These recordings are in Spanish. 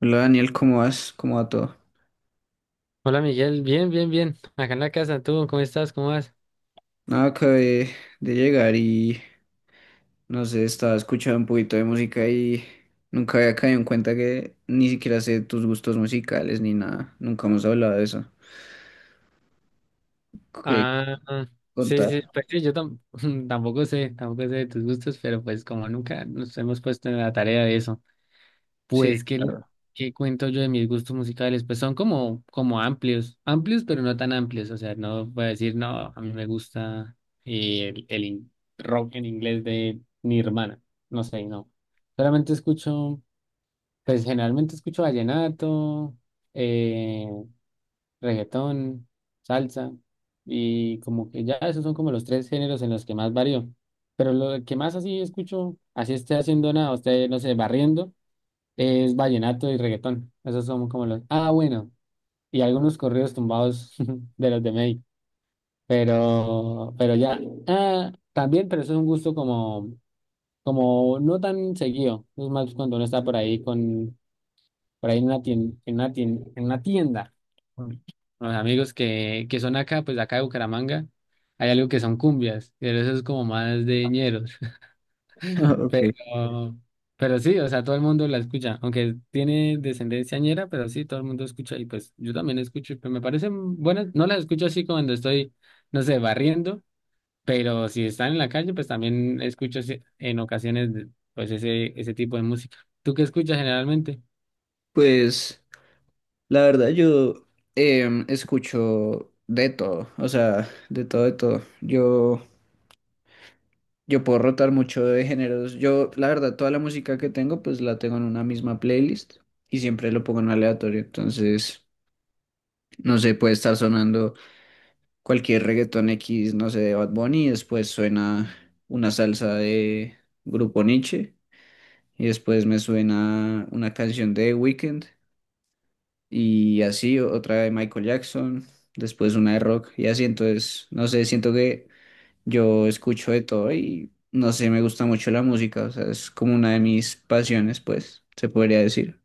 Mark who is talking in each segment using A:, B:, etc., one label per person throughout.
A: Hola Daniel, ¿cómo vas? ¿Cómo va todo?
B: Hola Miguel, bien, bien, bien. Acá en la casa, ¿tú cómo estás? ¿Cómo vas?
A: Nada, acabé de llegar y no sé, estaba escuchando un poquito de música y nunca había caído en cuenta que ni siquiera sé tus gustos musicales ni nada. Nunca hemos hablado de eso. ¿Qué
B: Ah, sí,
A: contar?
B: sí, pues sí, tampoco sé, tampoco sé de tus gustos, pero pues como nunca nos hemos puesto en la tarea de eso,
A: Sí,
B: pues ¿
A: claro.
B: qué cuento yo de mis gustos musicales? Pues son como, como amplios, amplios, pero no tan amplios. O sea, no voy a decir, no, a mí me gusta el rock en inglés de Nirvana. No sé, no. Solamente escucho, pues generalmente escucho vallenato. eh, reggaetón, salsa, y como que ya esos son como los tres géneros en los que más varío. Pero lo que más así escucho, así esté haciendo nada, usted no sé, barriendo, es vallenato y reggaetón. Esos son como los... Ah, bueno, y algunos corridos tumbados de los de México. Pero ya, ah, también, pero eso es un gusto como, como no tan seguido. Es más cuando uno está por ahí con por ahí en una tienda, en una tienda con los amigos que son acá, pues de acá de Bucaramanga. Hay algo que son cumbias, pero eso es como más de ñeros.
A: Ok.
B: Pero, pero sí, o sea, todo el mundo la escucha, aunque tiene descendencia ñera, pero sí, todo el mundo escucha, y pues yo también escucho, pero me parecen buenas. No las escucho así cuando estoy, no sé, barriendo, pero si están en la calle, pues también escucho así- en ocasiones pues ese tipo de música. ¿Tú qué escuchas generalmente?
A: Pues la verdad yo escucho de todo, o sea, de todo, de todo. Yo puedo rotar mucho de géneros. Yo, la verdad, toda la música que tengo, pues la tengo en una misma playlist y siempre lo pongo en aleatorio. Entonces, no sé, puede estar sonando cualquier reggaetón X, no sé, de Bad Bunny, y después suena una salsa de Grupo Niche, y después me suena una canción de The Weeknd, y así otra de Michael Jackson, después una de rock, y así. Entonces, no sé, siento que yo escucho de todo y no sé, me gusta mucho la música, o sea, es como una de mis pasiones, pues, se podría decir.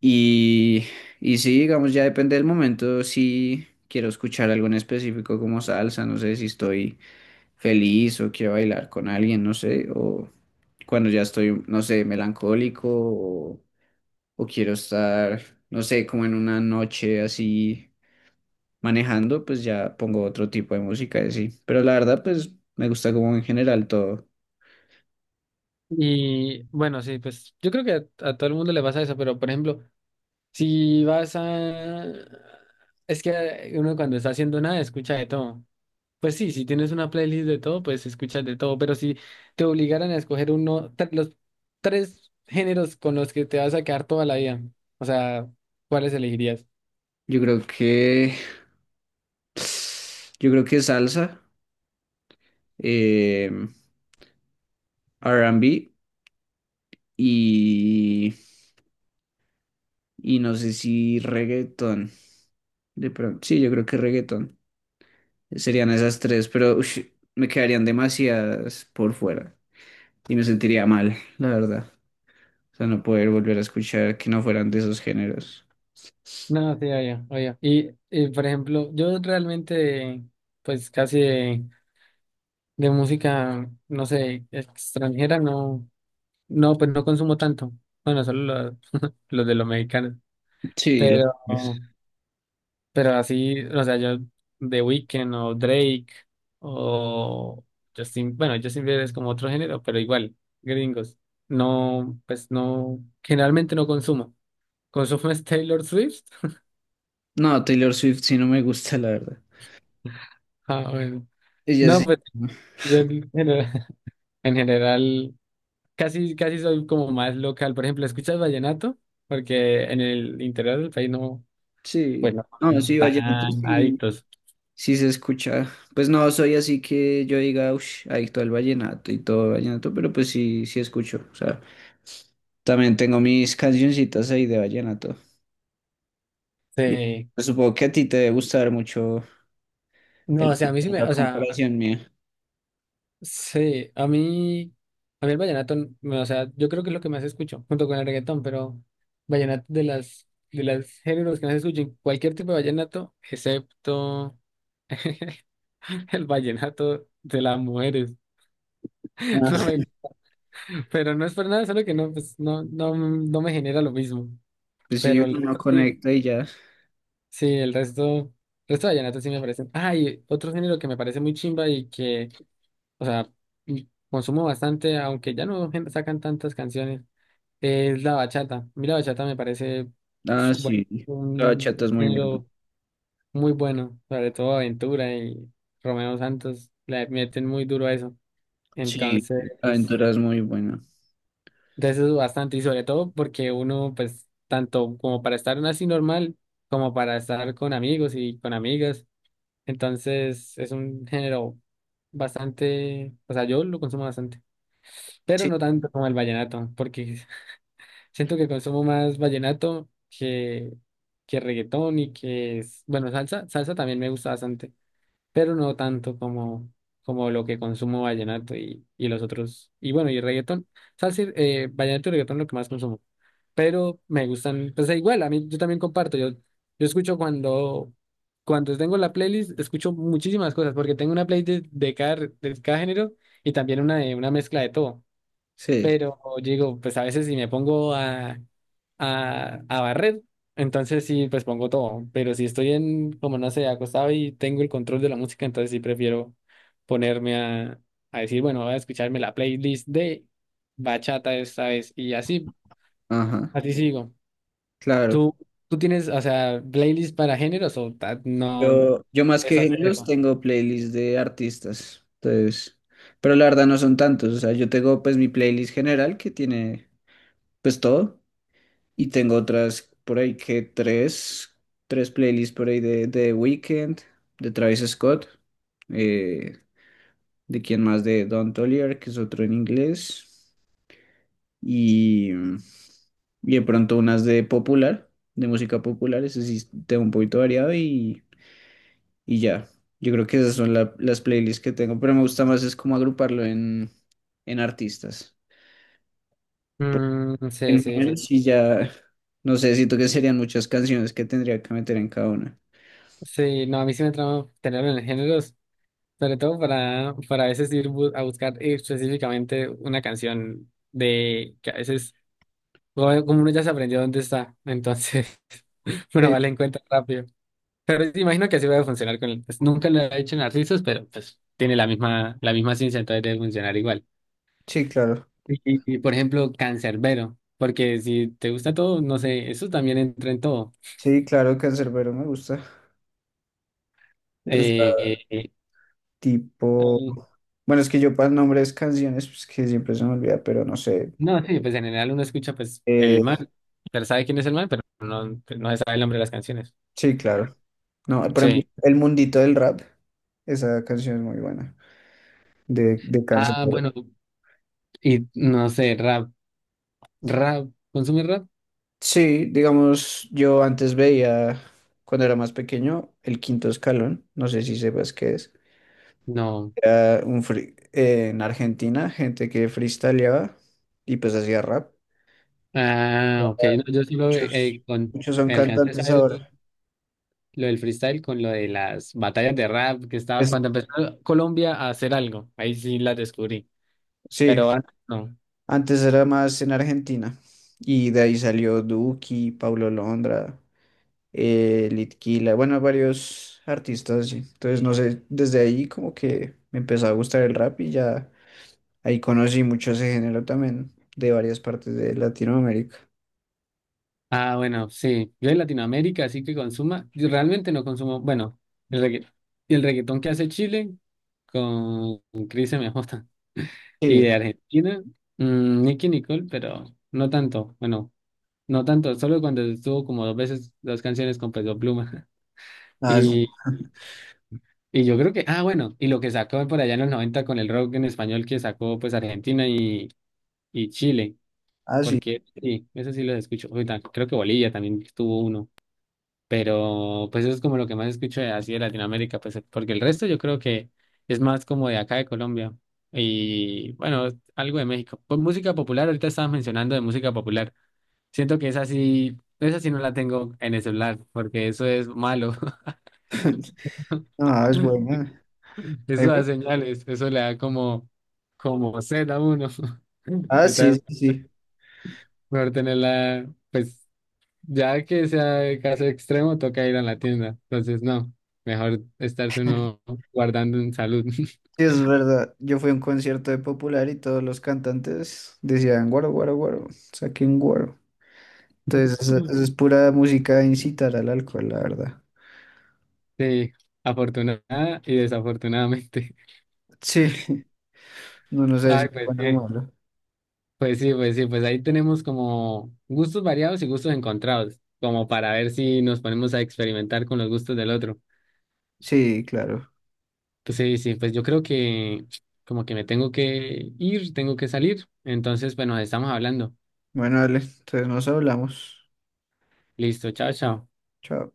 A: Y, y sí, digamos, ya depende del momento, si quiero escuchar algo en específico como salsa, no sé si estoy feliz o quiero bailar con alguien, no sé, o cuando ya estoy, no sé, melancólico o quiero estar, no sé, como en una noche así manejando, pues ya pongo otro tipo de música y así. Pero la verdad, pues, me gusta como en general todo.
B: Y bueno, sí, pues yo creo que a todo el mundo le pasa eso, pero por ejemplo, si vas a... Es que uno cuando está haciendo nada escucha de todo. Pues sí, si tienes una playlist de todo, pues escuchas de todo, pero si te obligaran a escoger uno, los tres géneros con los que te vas a quedar toda la vida, o sea, ¿cuáles elegirías?
A: Yo creo que. Yo creo que salsa, eh, R&B y, y no sé si reggaetón. De pronto, sí, yo creo que reggaetón. Serían esas tres, pero ush, me quedarían demasiadas por fuera y me sentiría mal, la verdad. O sea, no poder volver a escuchar que no fueran de esos géneros.
B: No, sí, oye, oye. Y, por ejemplo, yo realmente, pues casi de música, no sé, extranjera, no. No, pues no consumo tanto. Bueno, solo los, los de los mexicanos.
A: Sí, lo
B: Pero,
A: es.
B: pero así, o sea, yo The Weeknd o Drake o Justin, bueno, Justin Bieber es como otro género, pero igual, gringos. No, pues no, generalmente no consumo. ¿Consumo es Taylor Swift?
A: No, Taylor Swift sí no me gusta, la verdad.
B: Ah, bueno.
A: Ella sí.
B: No, pues yo en general, en general casi, casi soy como más local. Por ejemplo, ¿escuchas vallenato? Porque en el interior del país no.
A: Sí.
B: Pues no
A: No,
B: son
A: sí, vallenato
B: tan
A: sí.
B: adictos.
A: Sí se escucha. Pues no soy así que yo diga, uff, adicto al vallenato y todo el vallenato, pero pues sí, sí escucho. O sea, también tengo mis cancioncitas ahí de vallenato. Y
B: Sí.
A: pues supongo que a ti te debe gustar mucho
B: No, o
A: el
B: sea, a mí sí
A: vallenato
B: me,
A: a
B: o sea,
A: comparación mía.
B: sí, a mí el vallenato, no, o sea, yo creo que es lo que más escucho, junto con el reggaetón, pero vallenato de las, de los géneros que más escucho, cualquier tipo de vallenato, excepto el vallenato de las mujeres. No me-
A: Ah.
B: pero no es por nada, solo que no, pues, no, no, no me genera lo mismo.
A: Pues sí,
B: Pero el
A: uno no
B: resto sí.
A: conecta y ya.
B: Sí, el resto de vallenatos sí me parecen. Ah, y otro género que me parece muy chimba y que, o sea, y consumo bastante, aunque ya no sacan tantas canciones, es la bachata. A mí la bachata me parece, uf,
A: Ah,
B: bueno,
A: sí. La
B: un
A: bachata es muy buena.
B: género muy bueno, sobre todo Aventura y Romeo Santos le meten muy duro a eso.
A: Sí,
B: Entonces,
A: Aventura es muy buena.
B: de eso es bastante, y sobre todo porque uno, pues, tanto como para estar así normal, como para estar con amigos y con amigas. Entonces es un género bastante, o sea, yo lo consumo bastante, pero
A: Sí,
B: no tanto como el vallenato, porque siento que consumo más vallenato que reggaetón y que, bueno, salsa, salsa también me gusta bastante, pero no tanto como, como lo que consumo vallenato y los otros, y bueno, y reggaetón. Salsa sea, sí, vallenato y reggaetón lo que más consumo, pero me gustan, pues e igual, a mí yo también comparto, yo escucho cuando, cuando tengo la playlist, escucho muchísimas cosas, porque tengo una playlist de cada, de cada género, y también una, una mezcla de todo.
A: sí,
B: Pero digo, pues a veces si me pongo a, a barrer. Entonces sí, pues pongo todo. Pero si estoy en, como no sé, acostado y tengo el control de la música, entonces sí prefiero ponerme a decir, bueno, voy a escucharme la playlist de bachata esta vez. Y así,
A: ajá,
B: así sigo.
A: claro.
B: ¿Tú, tú tienes, o sea, playlist para géneros o no
A: Yo más
B: es
A: que
B: hacer
A: géneros
B: eso?
A: tengo playlists de artistas, entonces, pero la verdad no son tantos, o sea, yo tengo pues mi playlist general que tiene pues todo y tengo otras por ahí que tres playlists por ahí de The Weeknd, de Travis Scott, eh, de quién más, de Don Toliver, que es otro en inglés, y, y de pronto unas de popular, de música popular, ese sí tengo un poquito variado y ya, yo creo que esas son las playlists que tengo, pero me gusta más es como agruparlo en artistas.
B: Mm, sí,
A: En
B: sí,
A: general,
B: sí.
A: sí ya, no sé, siento que serían muchas canciones que tendría que meter en cada una.
B: Sí, no, a mí sí me trama tenerlo en géneros. Sobre todo para a veces ir a buscar específicamente una canción, de que a veces, como uno ya se aprendió dónde está, entonces uno
A: Sí,
B: vale en cuenta rápido. Pero sí, imagino que así va a funcionar con él, pues nunca lo he hecho en artistas, pero pues tiene la misma ciencia, entonces debe funcionar igual.
A: sí, claro.
B: Y, por ejemplo, Cancerbero, porque si te gusta todo, no sé, eso también entra en todo.
A: Sí, claro, Canserbero me gusta. O sea,
B: Eh, eh,
A: tipo,
B: eh,
A: bueno, es que yo para nombres canciones, pues que siempre se me olvida, pero no sé.
B: No, sí, pues en general uno escucha pues
A: Eh,
B: el man, pero sabe quién es el man, pero no, no se sabe el nombre de las canciones.
A: sí, claro. No, por ejemplo,
B: Sí.
A: El Mundito del Rap, esa canción es muy buena, de
B: Ah,
A: Canserbero.
B: bueno, y no sé, rap, rap, ¿consume rap?
A: Sí, digamos, yo antes veía, cuando era más pequeño, el quinto escalón, no sé si sepas qué es.
B: No.
A: En Argentina, gente que freestyleaba y pues hacía rap.
B: Ah, ok, no, yo solo
A: Muchos,
B: con,
A: muchos son
B: alcancé a
A: cantantes
B: saber
A: ahora.
B: lo del freestyle con lo de las batallas de rap que estaba,
A: Es-
B: cuando empezó Colombia a hacer algo, ahí sí las descubrí,
A: sí,
B: pero antes no.
A: antes era más en Argentina y de ahí salió Duki, Paulo Londra, Litquila, bueno, varios artistas, sí. Entonces, no sé, desde ahí como que me empezó a gustar el rap y ya. Ahí conocí mucho ese género también, de varias partes de Latinoamérica.
B: Ah, bueno, sí. Yo de Latinoamérica, así que consuma. Yo realmente no consumo. Bueno, el y el reggaetón que hace Chile con Cris MJ. Y
A: Sí,
B: de Argentina, mm, Nicki Nicole, pero no tanto. Bueno, no tanto. Solo cuando estuvo como dos veces dos canciones con Peso Pluma.
A: ah,
B: Y, y yo creo que. Ah, bueno. Y lo que sacó por allá en los 90 con el rock en español que sacó pues Argentina y Chile.
A: ah, sí.
B: Porque sí, eso sí los escucho. Uy, ta- creo que Bolivia también tuvo uno. Pero pues eso es como lo que más escucho de, así de Latinoamérica, pues porque el resto yo creo que es más como de acá de Colombia, y bueno, algo de México. Pues música popular, ahorita estabas mencionando de música popular. Siento que esa sí no la tengo en el celular porque eso es malo.
A: No, ah, es buena.
B: Eso
A: Ahí fue-
B: da señales, eso le da como, como sed a uno.
A: Ah, sí,
B: Entonces,
A: sí, sí.
B: mejor tenerla, pues. Ya que sea caso extremo, toca ir a la tienda. Entonces, no, mejor estarse uno guardando en salud.
A: Sí, es verdad. Yo fui a un concierto de Popular y todos los cantantes decían guaro, guaro, guaro, saquen guaro. Entonces, eso es pura música de incitar al alcohol, la verdad.
B: Sí, afortunada y desafortunadamente.
A: Sí, no nos sé si
B: Ay,
A: es
B: pues
A: bueno o
B: sí,
A: malo.
B: pues sí, pues ahí tenemos como gustos variados y gustos encontrados, como para ver si nos ponemos a experimentar con los gustos del otro.
A: Sí, claro.
B: Sí, sí, pues yo creo que como que me tengo que ir, tengo que salir. Entonces, pues nos estamos hablando.
A: Bueno, dale, entonces nos hablamos.
B: Listo, chao, chao.
A: Chao.